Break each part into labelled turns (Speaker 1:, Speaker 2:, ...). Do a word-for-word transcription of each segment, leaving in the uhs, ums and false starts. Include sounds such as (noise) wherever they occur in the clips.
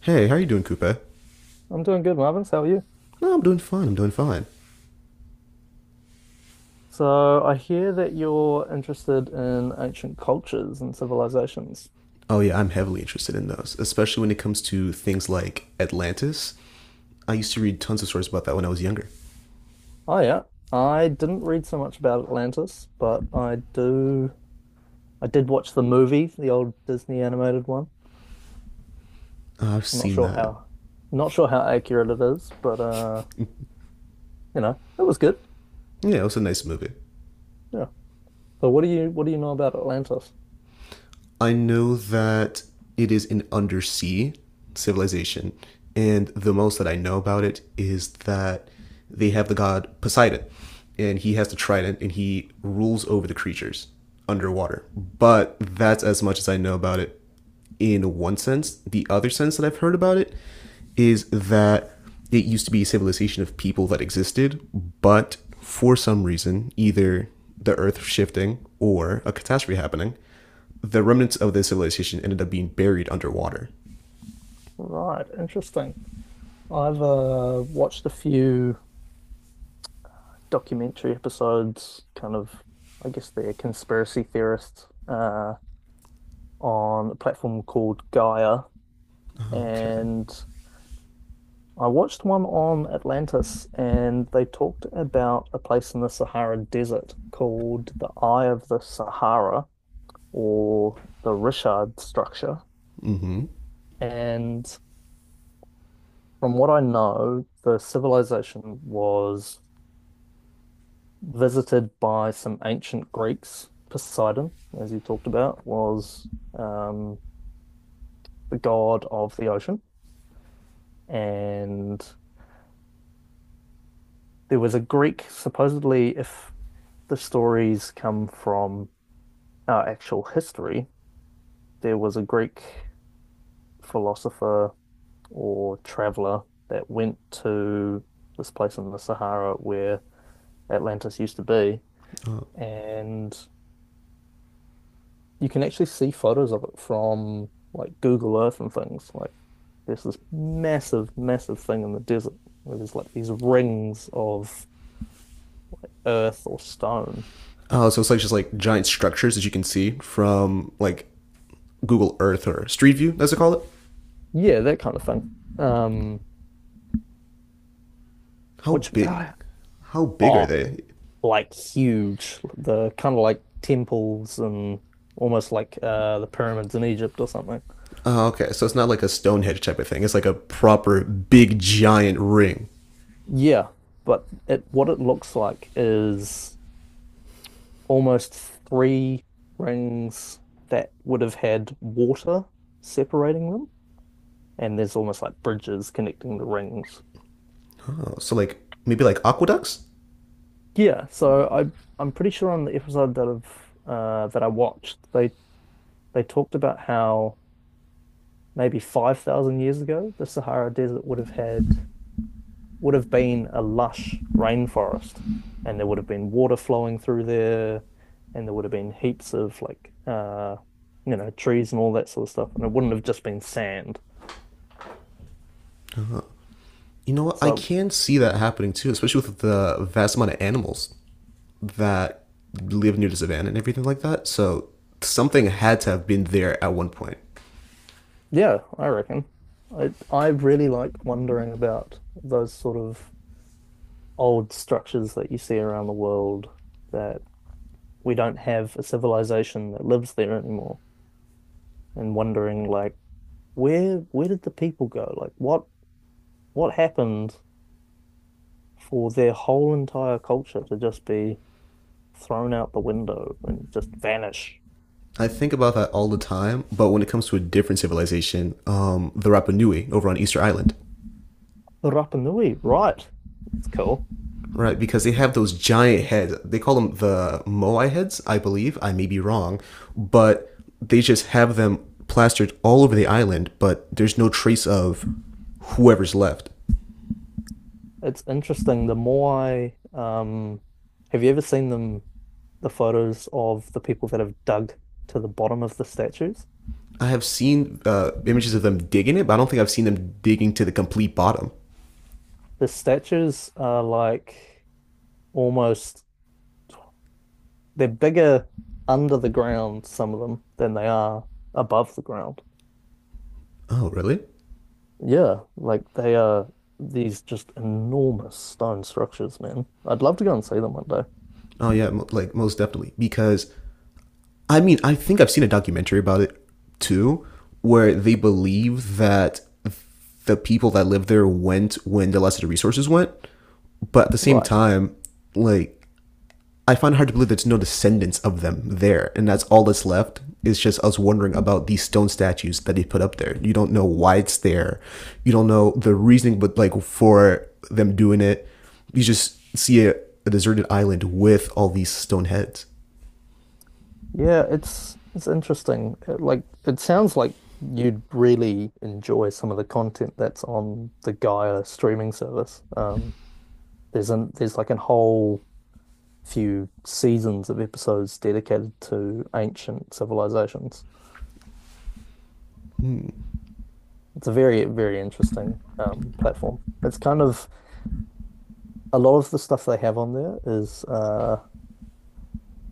Speaker 1: Hey, how are you doing, Coupe?
Speaker 2: I'm doing good, Marvin. How are you?
Speaker 1: No, I'm doing fine. I'm doing fine.
Speaker 2: So I hear that you're interested in ancient cultures and civilizations.
Speaker 1: Oh yeah, I'm heavily interested in those, especially when it comes to things like Atlantis. I used to read tons of stories about that when I was younger.
Speaker 2: Oh yeah. I didn't read so much about Atlantis, but I do I did watch the movie, the old Disney animated one.
Speaker 1: Uh, I've
Speaker 2: I'm not
Speaker 1: seen
Speaker 2: sure
Speaker 1: that.
Speaker 2: how not sure how accurate it is, but uh, you know, it was good.
Speaker 1: Yeah, it was a nice movie.
Speaker 2: Yeah. So what do you what do you know about Atlantis?
Speaker 1: I know that it is an undersea civilization, and the most that I know about it is that they have the god Poseidon, and he has the trident, and he rules over the creatures underwater. But that's as much as I know about it. In one sense, the other sense that I've heard about it is that it used to be a civilization of people that existed, but for some reason, either the earth shifting or a catastrophe happening, the remnants of this civilization ended up being buried underwater.
Speaker 2: Right, interesting. I've uh watched a few documentary episodes, kind of, I guess they're conspiracy theorists, uh, on a platform called Gaia.
Speaker 1: Okay.
Speaker 2: And I watched one on Atlantis, and they talked about a place in the Sahara Desert called the Eye of the Sahara or the Richard Structure. And from what I know, the civilization was visited by some ancient Greeks. Poseidon, as you talked about, was um, the god of the ocean. And there was a Greek, supposedly, if the stories come from uh, actual history, there was a Greek philosopher or traveler that went to this place in the Sahara where Atlantis used to be. And you can actually see photos of it from like Google Earth and things. Like there's this massive, massive thing in the desert where there's like these rings of earth or stone.
Speaker 1: Oh, so it's like just like giant structures that you can see from like Google Earth or Street View, as they call it.
Speaker 2: Yeah, that kind of thing. Um,
Speaker 1: How
Speaker 2: which (sighs)
Speaker 1: big?
Speaker 2: ah,
Speaker 1: How big are
Speaker 2: oh,
Speaker 1: they?
Speaker 2: like huge. The kind of like temples and almost like uh the pyramids in Egypt or something.
Speaker 1: Oh, okay. So it's not like a Stonehenge type of thing. It's like a proper big giant ring.
Speaker 2: Yeah, but it what it looks like is almost three rings that would have had water separating them, and there's almost like bridges connecting the rings.
Speaker 1: Oh, so like maybe like aqueducts?
Speaker 2: Yeah, so I I'm pretty sure on the episode that I've uh, that I watched, they they talked about how maybe five thousand years ago the Sahara Desert would have had would have been a lush rainforest, and there would have been water flowing through there, and there would have been heaps of like uh, you know, trees and all that sort of stuff, and it wouldn't have just been sand.
Speaker 1: You know what? I
Speaker 2: So
Speaker 1: can see that happening too, especially with the vast amount of animals that live near the savannah and everything like that. So something had to have been there at one point.
Speaker 2: yeah, I reckon. I I really like wondering about those sort of old structures that you see around the world that we don't have a civilization that lives there anymore, and wondering like where where did the people go? Like what what happened for their whole entire culture to just be thrown out the window and just vanish.
Speaker 1: I think about that all the time, but when it comes to a different civilization, um, the Rapa Nui over on Easter Island,
Speaker 2: Rapa Nui, right. That's cool.
Speaker 1: right? Because they have those giant heads. They call them the Moai heads, I believe. I may be wrong, but they just have them plastered all over the island, but there's no trace of whoever's left.
Speaker 2: It's interesting. The more I, um, have you ever seen them, the photos of the people that have dug to the bottom of the statues?
Speaker 1: I have seen uh, images of them digging it, but I don't think I've seen them digging to the complete bottom.
Speaker 2: The statues are like almost, they're bigger under the ground, some of them, than they are above the ground.
Speaker 1: Oh, really?
Speaker 2: Yeah, like they are these just enormous stone structures, man. I'd love to go and see them one day.
Speaker 1: Oh yeah, like most definitely, because I mean I think I've seen a documentary about it too, where they believe that the people that lived there went when the less resources went, but at the same
Speaker 2: Right.
Speaker 1: time, like, I find it hard to believe there's no descendants of them there, and that's all that's left is just us wondering about these stone statues that they put up there. You don't know why it's there, you don't know the reasoning, but like for them doing it, you just see a, a deserted island with all these stone heads.
Speaker 2: Yeah, it's it's interesting. It, like it sounds like you'd really enjoy some of the content that's on the Gaia streaming service. Um, there's an there's like a whole few seasons of episodes dedicated to ancient civilizations. It's a very, very interesting um, platform. It's kind of a lot of the stuff they have on there is uh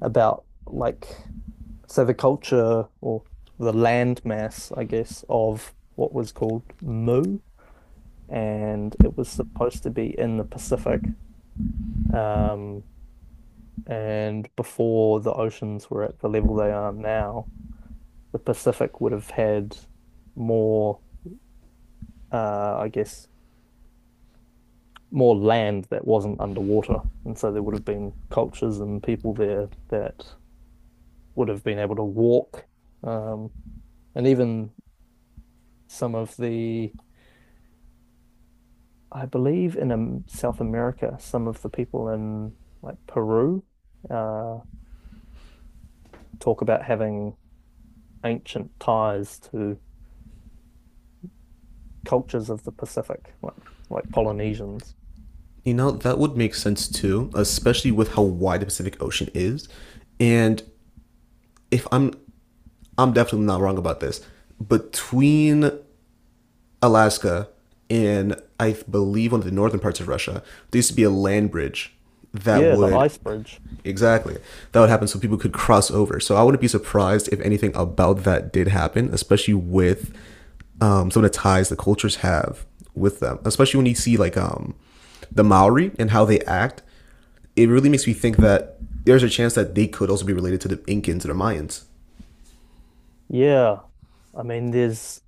Speaker 2: about like so the culture or the land mass, I guess, of what was called Mu, and it was supposed to be in the Pacific, um, and before the oceans were at the level they are now, the Pacific would have had more, uh, I guess, more land that wasn't underwater, and so there would have been cultures and people there that would have been able to walk, um, and even some of the I believe in um, South America, some of the people in like Peru uh, talk about having ancient ties to cultures of the Pacific, like like Polynesians.
Speaker 1: You know that would make sense too, especially with how wide the Pacific Ocean is, and if I'm I'm definitely not wrong about this. Between Alaska and I believe one of the northern parts of Russia, there used to be a land bridge that
Speaker 2: Yeah, the
Speaker 1: would,
Speaker 2: ice bridge.
Speaker 1: exactly, that would happen so people could cross over. So I wouldn't be surprised if anything about that did happen, especially with um, some of the ties the cultures have with them, especially when you see like, um, the Maori and how they act. It really makes me think that there's a chance that they could also be related to the Incans and the Mayans.
Speaker 2: Yeah, I mean, there's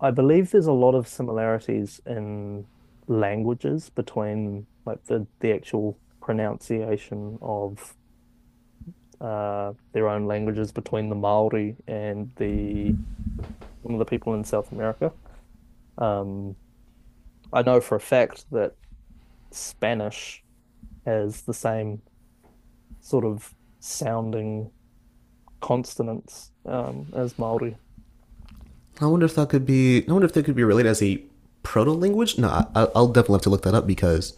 Speaker 2: I believe there's a lot of similarities in languages between like the the actual pronunciation of uh, their own languages between the Maori and the some of the people in South America. Um, I know for a fact that Spanish has the same sort of sounding consonants um, as Maori.
Speaker 1: I wonder if that could be. I wonder if that could be related as a proto language. No, I, I'll definitely have to look that up, because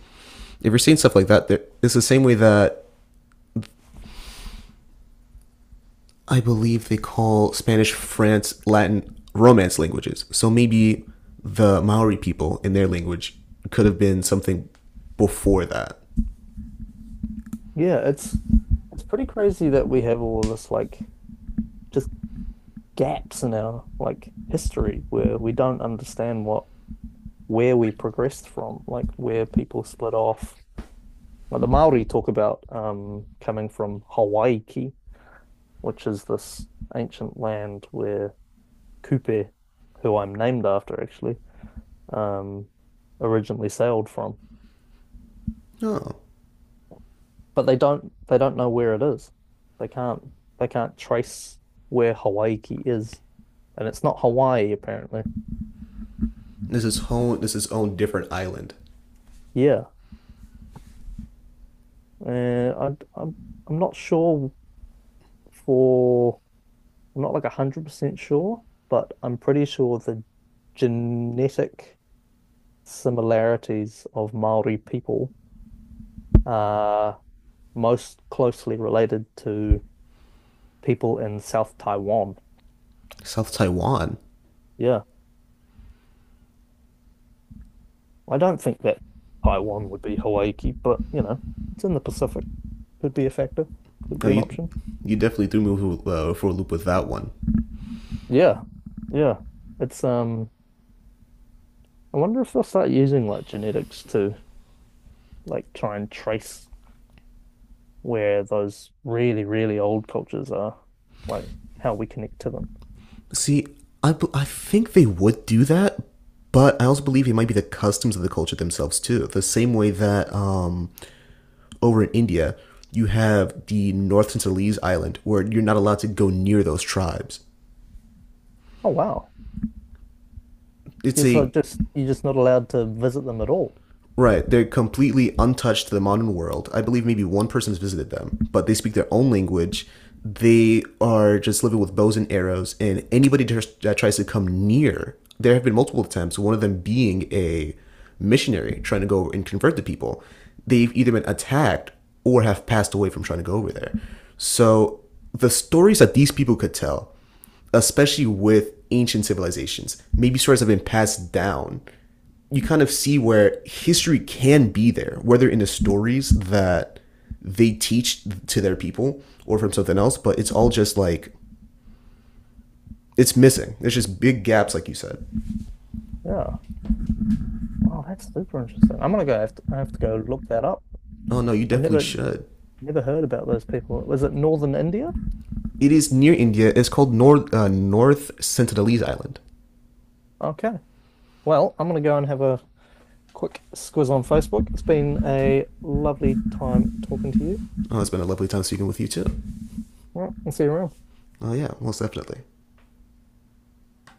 Speaker 1: if you're seeing stuff like that, it's the same way that I believe they call Spanish, France, Latin Romance languages. So maybe the Maori people in their language could have been something before that.
Speaker 2: Yeah, it's it's pretty crazy that we have all this like just gaps in our like history where we don't understand what where we progressed from, like where people split off. Like the Maori talk about um, coming from Hawaiki, which is this ancient land where Kupe, who I'm named after actually, um, originally sailed from.
Speaker 1: No,
Speaker 2: But they don't they don't know where it is. They can't they can't trace where Hawaii is, and it's not Hawaii apparently.
Speaker 1: this is home. This is own different island.
Speaker 2: Yeah, uh, I, I'm I'm not sure for I'm not like a hundred percent sure, but I'm pretty sure the genetic similarities of Maori people are most closely related to people in South Taiwan.
Speaker 1: South Taiwan.
Speaker 2: Yeah. I don't think that Taiwan would be Hawaii, but you know, it's in the Pacific. Could be a factor. Could
Speaker 1: No,
Speaker 2: be an
Speaker 1: you
Speaker 2: option.
Speaker 1: you definitely threw me uh, for a loop with that one.
Speaker 2: Yeah. Yeah. It's um I wonder if they'll start using like genetics to like try and trace where those really, really old cultures are, like how we connect to them.
Speaker 1: See, I I think they would do that, but I also believe it might be the customs of the culture themselves too. The same way that, um, over in India, you have the North Sinhalese Island, where you're not allowed to go near those tribes.
Speaker 2: Oh wow.
Speaker 1: It's
Speaker 2: You're so
Speaker 1: a,
Speaker 2: just you're just not allowed to visit them at all.
Speaker 1: right, they're completely untouched to the modern world. I believe maybe one person has visited them, but they speak their own language. They are just living with bows and arrows, and anybody that tries to come near, there have been multiple attempts, one of them being a missionary trying to go and convert the people. They've either been attacked or have passed away from trying to go over there. So the stories that these people could tell, especially with ancient civilizations. Maybe stories have been passed down. You kind of see where history can be there, whether in the stories that they teach to their people or from something else, but it's all just like, it's missing. There's just big gaps, like you said.
Speaker 2: Yeah. Wow, that's super interesting. I'm gonna go I have to, I have to go look that up.
Speaker 1: Oh no, you
Speaker 2: I've
Speaker 1: definitely
Speaker 2: never
Speaker 1: should.
Speaker 2: never heard about those people. Was it Northern India?
Speaker 1: It is near India. It's called North uh, North Sentinelese Island.
Speaker 2: Okay. Well, I'm going to go and have a quick squiz on Facebook. It's been a lovely time talking to you.
Speaker 1: Oh, it's been a lovely time speaking with you too.
Speaker 2: Right, I'll see you around.
Speaker 1: Oh yeah, most definitely.